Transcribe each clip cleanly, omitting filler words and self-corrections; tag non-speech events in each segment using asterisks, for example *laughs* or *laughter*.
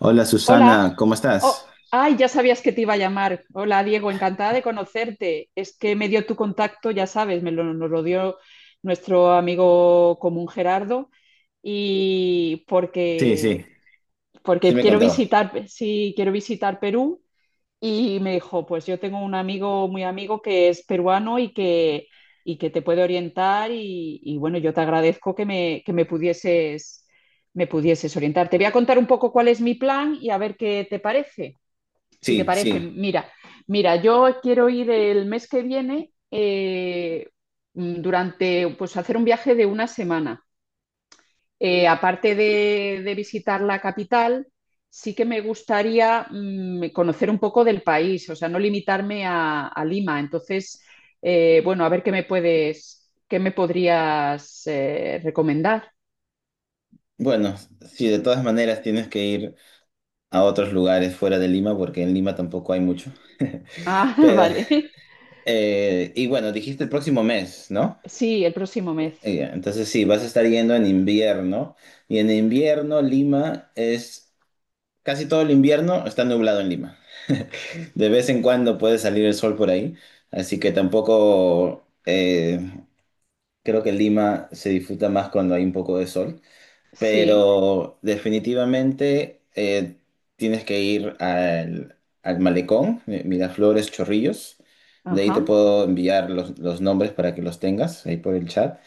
Hola, Hola. Susana, ¿cómo Oh, estás? ay, ya sabías que te iba a llamar. Hola, Diego, encantada de conocerte. Es que me dio tu contacto, ya sabes, nos lo dio nuestro amigo común Gerardo y Sí, sí, porque sí porque me quiero contó. visitar, sí, quiero visitar Perú. Y me dijo, pues yo tengo un amigo, muy amigo, que es peruano y que te puede orientar y bueno, yo te agradezco que me pudieses orientar. Te voy a contar un poco cuál es mi plan y a ver qué te parece. Si te Sí, parece, sí. mira, yo quiero ir el mes que viene durante, pues hacer un viaje de una semana. Aparte de visitar la capital, sí que me gustaría conocer un poco del país, o sea, no limitarme a Lima. Entonces, bueno, a ver qué me puedes, qué me podrías recomendar. Bueno, sí, de todas maneras tienes que ir a otros lugares fuera de Lima, porque en Lima tampoco hay mucho. Ah, *laughs* *laughs* Pero, vale. Y bueno, dijiste el próximo mes, ¿no? Sí, el próximo mes. Entonces sí, vas a estar yendo en invierno. Y en invierno Lima es. Casi todo el invierno está nublado en Lima. De vez en cuando puede salir el sol por ahí. Así que tampoco, creo que Lima se disfruta más cuando hay un poco de sol. Sí. Pero definitivamente, tienes que ir al malecón, Miraflores, Chorrillos. De ahí Ajá. te puedo enviar los nombres para que los tengas ahí por el chat,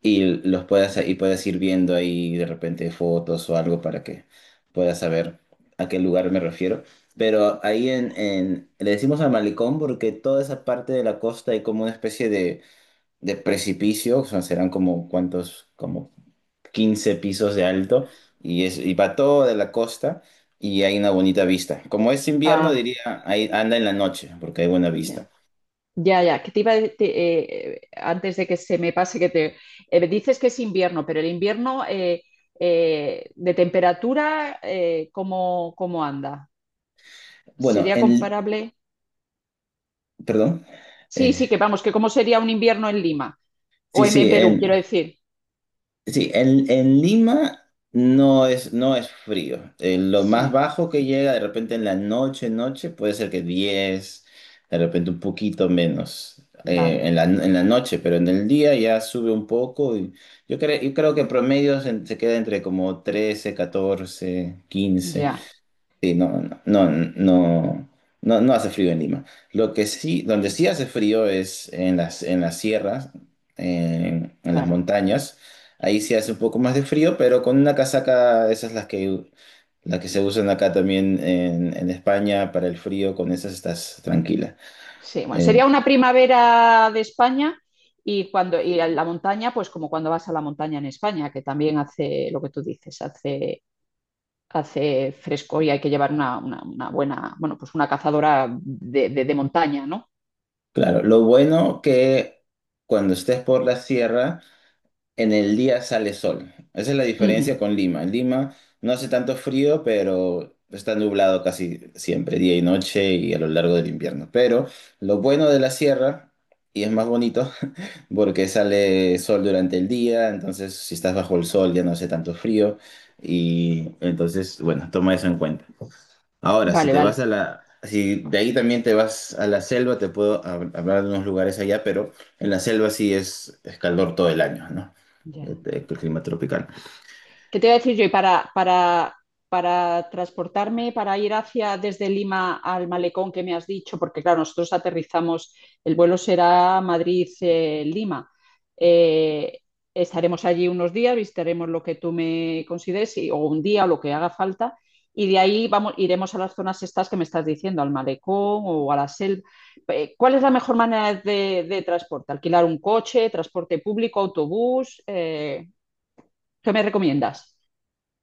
y los puedas y puedas ir viendo ahí de repente fotos o algo para que puedas saber a qué lugar me refiero. Pero ahí, le decimos al malecón porque toda esa parte de la costa hay como una especie de precipicio. O sea, serán como cuántos, como 15 pisos de alto, y, y va todo de la costa y hay una bonita vista. Como es invierno, Ah, diría, ahí anda en la noche porque hay buena ya. vista. Ya, ya, que te iba a de- te- antes de que se me pase que te dices que es invierno, pero el invierno de temperatura, ¿cómo, cómo anda? Bueno, ¿Sería comparable? perdón, Sí, sí, que eh, vamos, que cómo sería un invierno en Lima sí, en sí, Perú, quiero decir. sí, en Lima no es, frío. Lo más Sí, bajo que llega de repente en la noche, noche, puede ser que 10, de repente un poquito menos, vale, en la noche, pero en el día ya sube un poco. Y yo creo que en promedio se queda entre como 13, 14, 15. ya, Sí, no, no, no, no, no, no hace frío en Lima. Lo que sí, donde sí hace frío es en las, sierras, en las claro. montañas. Ahí sí hace un poco más de frío, pero con una casaca, esas las que se usan acá también en España para el frío, con esas estás tranquila. Sí, bueno, Eh, sería una primavera de España. Y a la montaña, pues como cuando vas a la montaña en España, que también hace lo que tú dices, hace fresco y hay que llevar una buena, bueno, pues una cazadora de montaña, ¿no? claro, lo bueno que cuando estés por la sierra, en el día sale sol. Esa es la Ujú. diferencia con Lima. En Lima no hace tanto frío, pero está nublado casi siempre, día y noche y a lo largo del invierno. Pero lo bueno de la sierra, y es más bonito, *laughs* porque sale sol durante el día, entonces si estás bajo el sol ya no hace tanto frío. Y entonces, bueno, toma eso en cuenta. Ahora, si Vale, te vas vale. a la, si de ahí también te vas a la selva, te puedo hablar de unos lugares allá, pero en la selva sí es calor todo el año, ¿no? Ya. El clima tropical. ¿Qué te iba a decir yo? Y para transportarme, para ir hacia desde Lima al malecón que me has dicho, porque claro, nosotros aterrizamos, el vuelo será Madrid-Lima. Estaremos allí unos días, visitaremos lo que tú me consideres, o un día, o lo que haga falta, y de ahí vamos, iremos a las zonas estas que me estás diciendo, al malecón o a la selva. ¿Cuál es la mejor manera de transporte? ¿Alquilar un coche, transporte público, autobús? ¿Qué me recomiendas?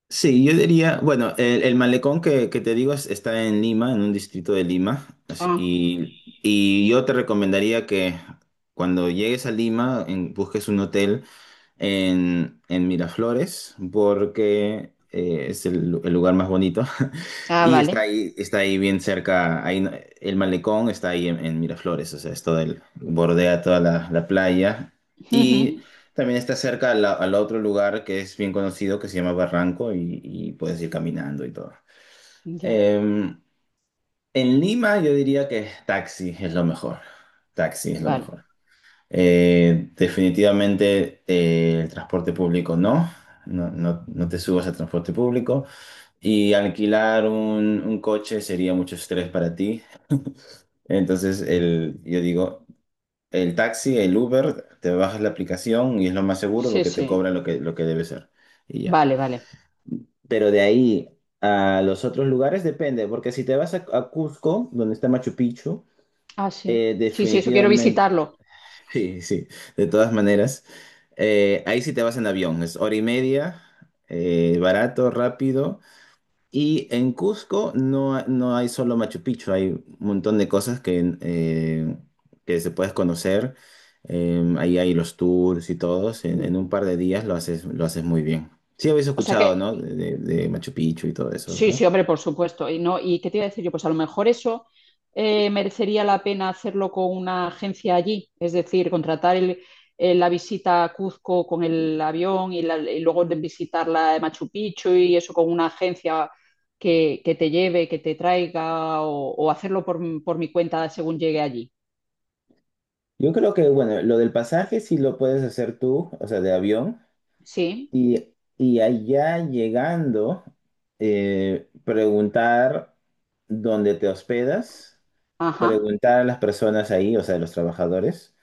Sí, yo diría, bueno, el malecón que te digo está en Lima, en un distrito de Lima, Ah, y yo te recomendaría que cuando llegues a Lima, busques un hotel en Miraflores, porque, es el lugar más bonito, *laughs* ah, y está vale. ahí, está ahí bien cerca, ahí. El malecón está ahí en Miraflores. O sea, es todo bordea toda la playa, Ujú. también está cerca al otro lugar que es bien conocido, que se llama Barranco, y puedes ir caminando y todo. Ya, Eh, en Lima yo diría que taxi es lo mejor. Taxi es lo vale. mejor. Definitivamente, el transporte público no. No, no, no te subas al transporte público. Y alquilar un coche sería mucho estrés para ti. Entonces, yo digo, el taxi, el Uber, te bajas la aplicación y es lo más seguro Sí, porque te sí. cobra lo que debe ser. Y ya. Vale, vale. Pero de ahí a los otros lugares depende, porque si te vas a Cusco, donde está Machu Picchu, Ah, sí. Sí, sí, eso quiero definitivamente, visitarlo. *laughs* sí, sí, de todas maneras, ahí sí te vas en avión, es hora y media, barato, rápido, y en Cusco no, no hay solo Machu Picchu, hay un montón de cosas que se puedes conocer. Ahí hay los tours y todos. En, Mm. en un par de días lo haces muy bien. Sí habéis O sea que escuchado, ¿no? de Machu Picchu y todo eso, sí, ¿verdad? sí, hombre, por supuesto. Y no, ¿y qué te iba a decir yo? Pues a lo mejor eso merecería la pena hacerlo con una agencia allí, es decir, la visita a Cuzco con el avión y, y luego de visitar la de Machu Picchu y eso con una agencia que te lleve, que te traiga o hacerlo por mi cuenta según llegue allí. Yo creo que, bueno, lo del pasaje sí lo puedes hacer tú, o sea, de avión. Sí, Y allá llegando, preguntar dónde te hospedas, ajá. preguntar a las personas ahí, o sea, a los trabajadores,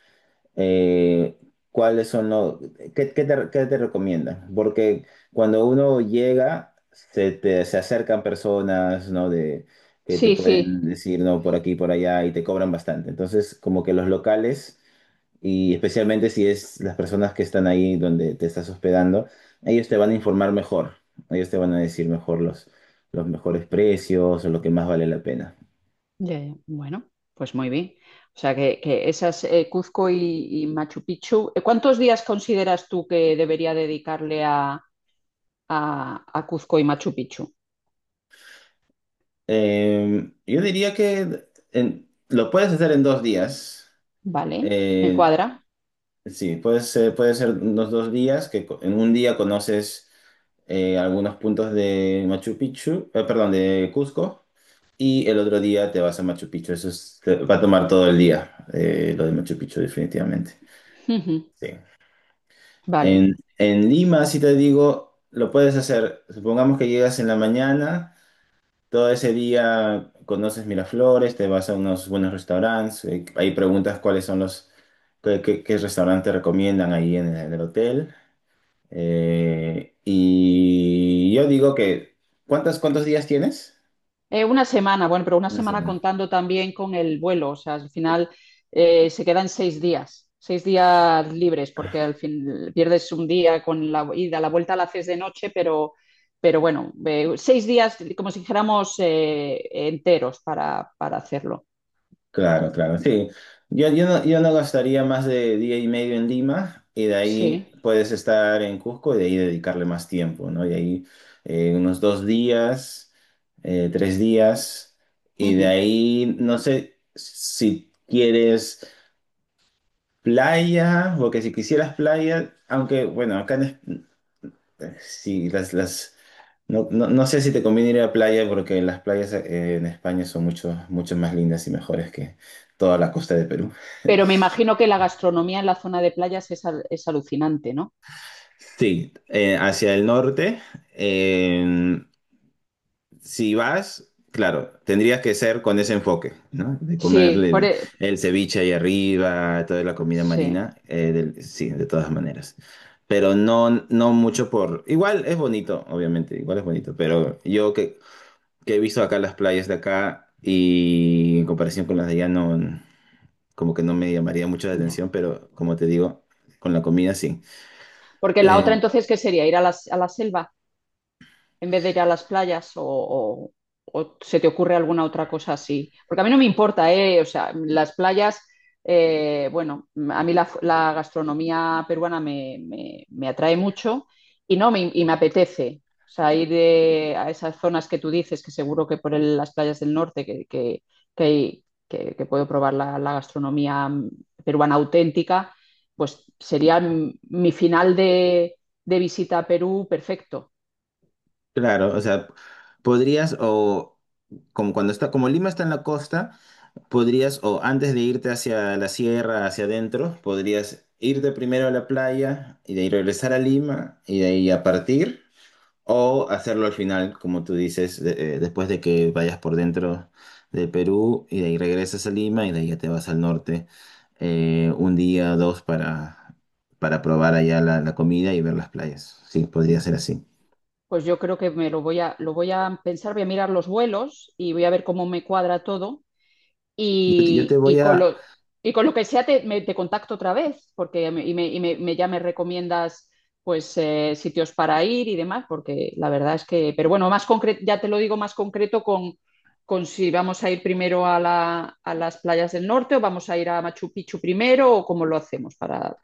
eh, cuáles son los, qué, qué te recomiendan. Porque cuando uno llega, se acercan personas, ¿no? Que te Sí, pueden sí. decir, no, por aquí, por allá, y te cobran bastante. Entonces, como que los locales, y especialmente si es las personas que están ahí donde te estás hospedando, ellos te van a informar mejor. Ellos te van a decir mejor los mejores precios o lo que más vale la pena. Ya, ya. Bueno, pues muy bien. O sea que esas Cuzco y Machu Picchu, ¿cuántos días consideras tú que debería dedicarle a, a Cuzco y Machu Picchu? Yo diría que lo puedes hacer en 2 días. Vale, me Eh, cuadra. Sí, puede ser unos 2 días, que en un día conoces, algunos puntos de Machu Picchu, perdón, de Cusco, y el otro día te vas a Machu Picchu. Eso va a tomar todo el día, lo de Machu Picchu, definitivamente. *laughs* Ujú. Sí. Vale. En Lima, si te digo, lo puedes hacer. Supongamos que llegas en la mañana, todo ese día conoces Miraflores, te vas a unos buenos restaurantes, ahí preguntas cuáles son qué restaurantes recomiendan ahí en el hotel. Y yo digo que, ¿cuántos días tienes? Una semana, bueno, pero una Una semana semana. contando también con el vuelo, o sea, al final se quedan seis días libres, porque al Ah, fin pierdes un día con la ida, la vuelta la haces de noche, pero bueno, seis días, como si dijéramos, enteros para hacerlo. claro, claro, sí. Yo no gastaría más de día y medio en Lima, y de ahí Sí. puedes estar en Cusco y de ahí dedicarle más tiempo, ¿no? Y ahí, unos 2 días, 3 días, y de Ujú. ahí no sé si quieres playa, porque si quisieras playa, aunque bueno, sí, no, no, no sé si te conviene ir a la playa porque las playas, en España son mucho, mucho más lindas y mejores que toda la costa de Perú. Pero me imagino que la gastronomía en la zona de playas es, es alucinante, ¿no? Sí, hacia el norte, eh, si vas, claro, tendrías que ser con ese enfoque, ¿no? De Sí, comerle el, el ceviche ahí arriba, toda la comida sí. marina, sí, de todas maneras. Pero no, no mucho. Por... Igual es bonito, obviamente, igual es bonito, pero yo que he visto acá las playas de acá y en comparación con las de allá, no, como que no me llamaría mucho la Ya. atención, pero como te digo, con la comida sí. Porque la otra Eh, entonces, ¿qué sería? ¿Ir a la selva? En vez de ir a las playas o se te ocurre alguna otra cosa así. Porque a mí no me importa, ¿eh? O sea, las playas, bueno, a mí la, la gastronomía peruana me atrae mucho y no me, y me apetece. O sea, a esas zonas que tú dices, que seguro que las playas del norte, que puedo probar la, la gastronomía peruana auténtica, pues sería mi final de visita a Perú perfecto. claro, o sea, podrías, o como Lima está en la costa, podrías o antes de irte hacia la sierra, hacia adentro, podrías irte primero a la playa y de ahí regresar a Lima y de ahí a partir. O hacerlo al final, como tú dices, después de que vayas por dentro de Perú y de ahí regresas a Lima y de ahí ya te vas al norte, un día o dos, para probar allá la comida y ver las playas. Sí, podría ser así. Pues yo creo que me lo voy a pensar, voy a mirar los vuelos y voy a ver cómo me cuadra todo. Yo te Y, y voy con a, lo, y con lo que sea te, te contacto otra vez, porque me- y me, y me- me- ya me recomiendas pues sitios para ir y demás, porque la verdad es que, pero bueno, más concreto, ya te lo digo más concreto con si vamos a ir primero a a las playas del norte o vamos a ir a Machu Picchu primero o cómo lo hacemos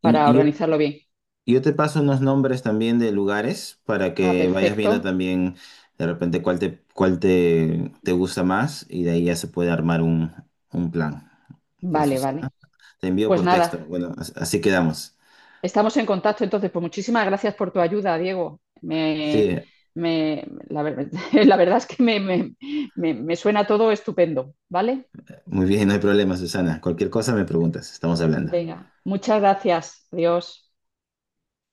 para y, organizarlo bien. Yo te paso unos nombres también de lugares para Ah, que vayas viendo perfecto. también de repente cuál te gusta más y de ahí ya se puede armar un plan. Ya, Vale, Susana, vale. te envío Pues por nada. texto. Bueno, así quedamos. Estamos en contacto, entonces, pues muchísimas gracias por tu ayuda, Diego. Sí, *laughs* la verdad es que me suena todo estupendo, ¿vale? muy bien, no hay problema, Susana. Cualquier cosa me preguntas, estamos hablando. Venga, muchas gracias. Adiós.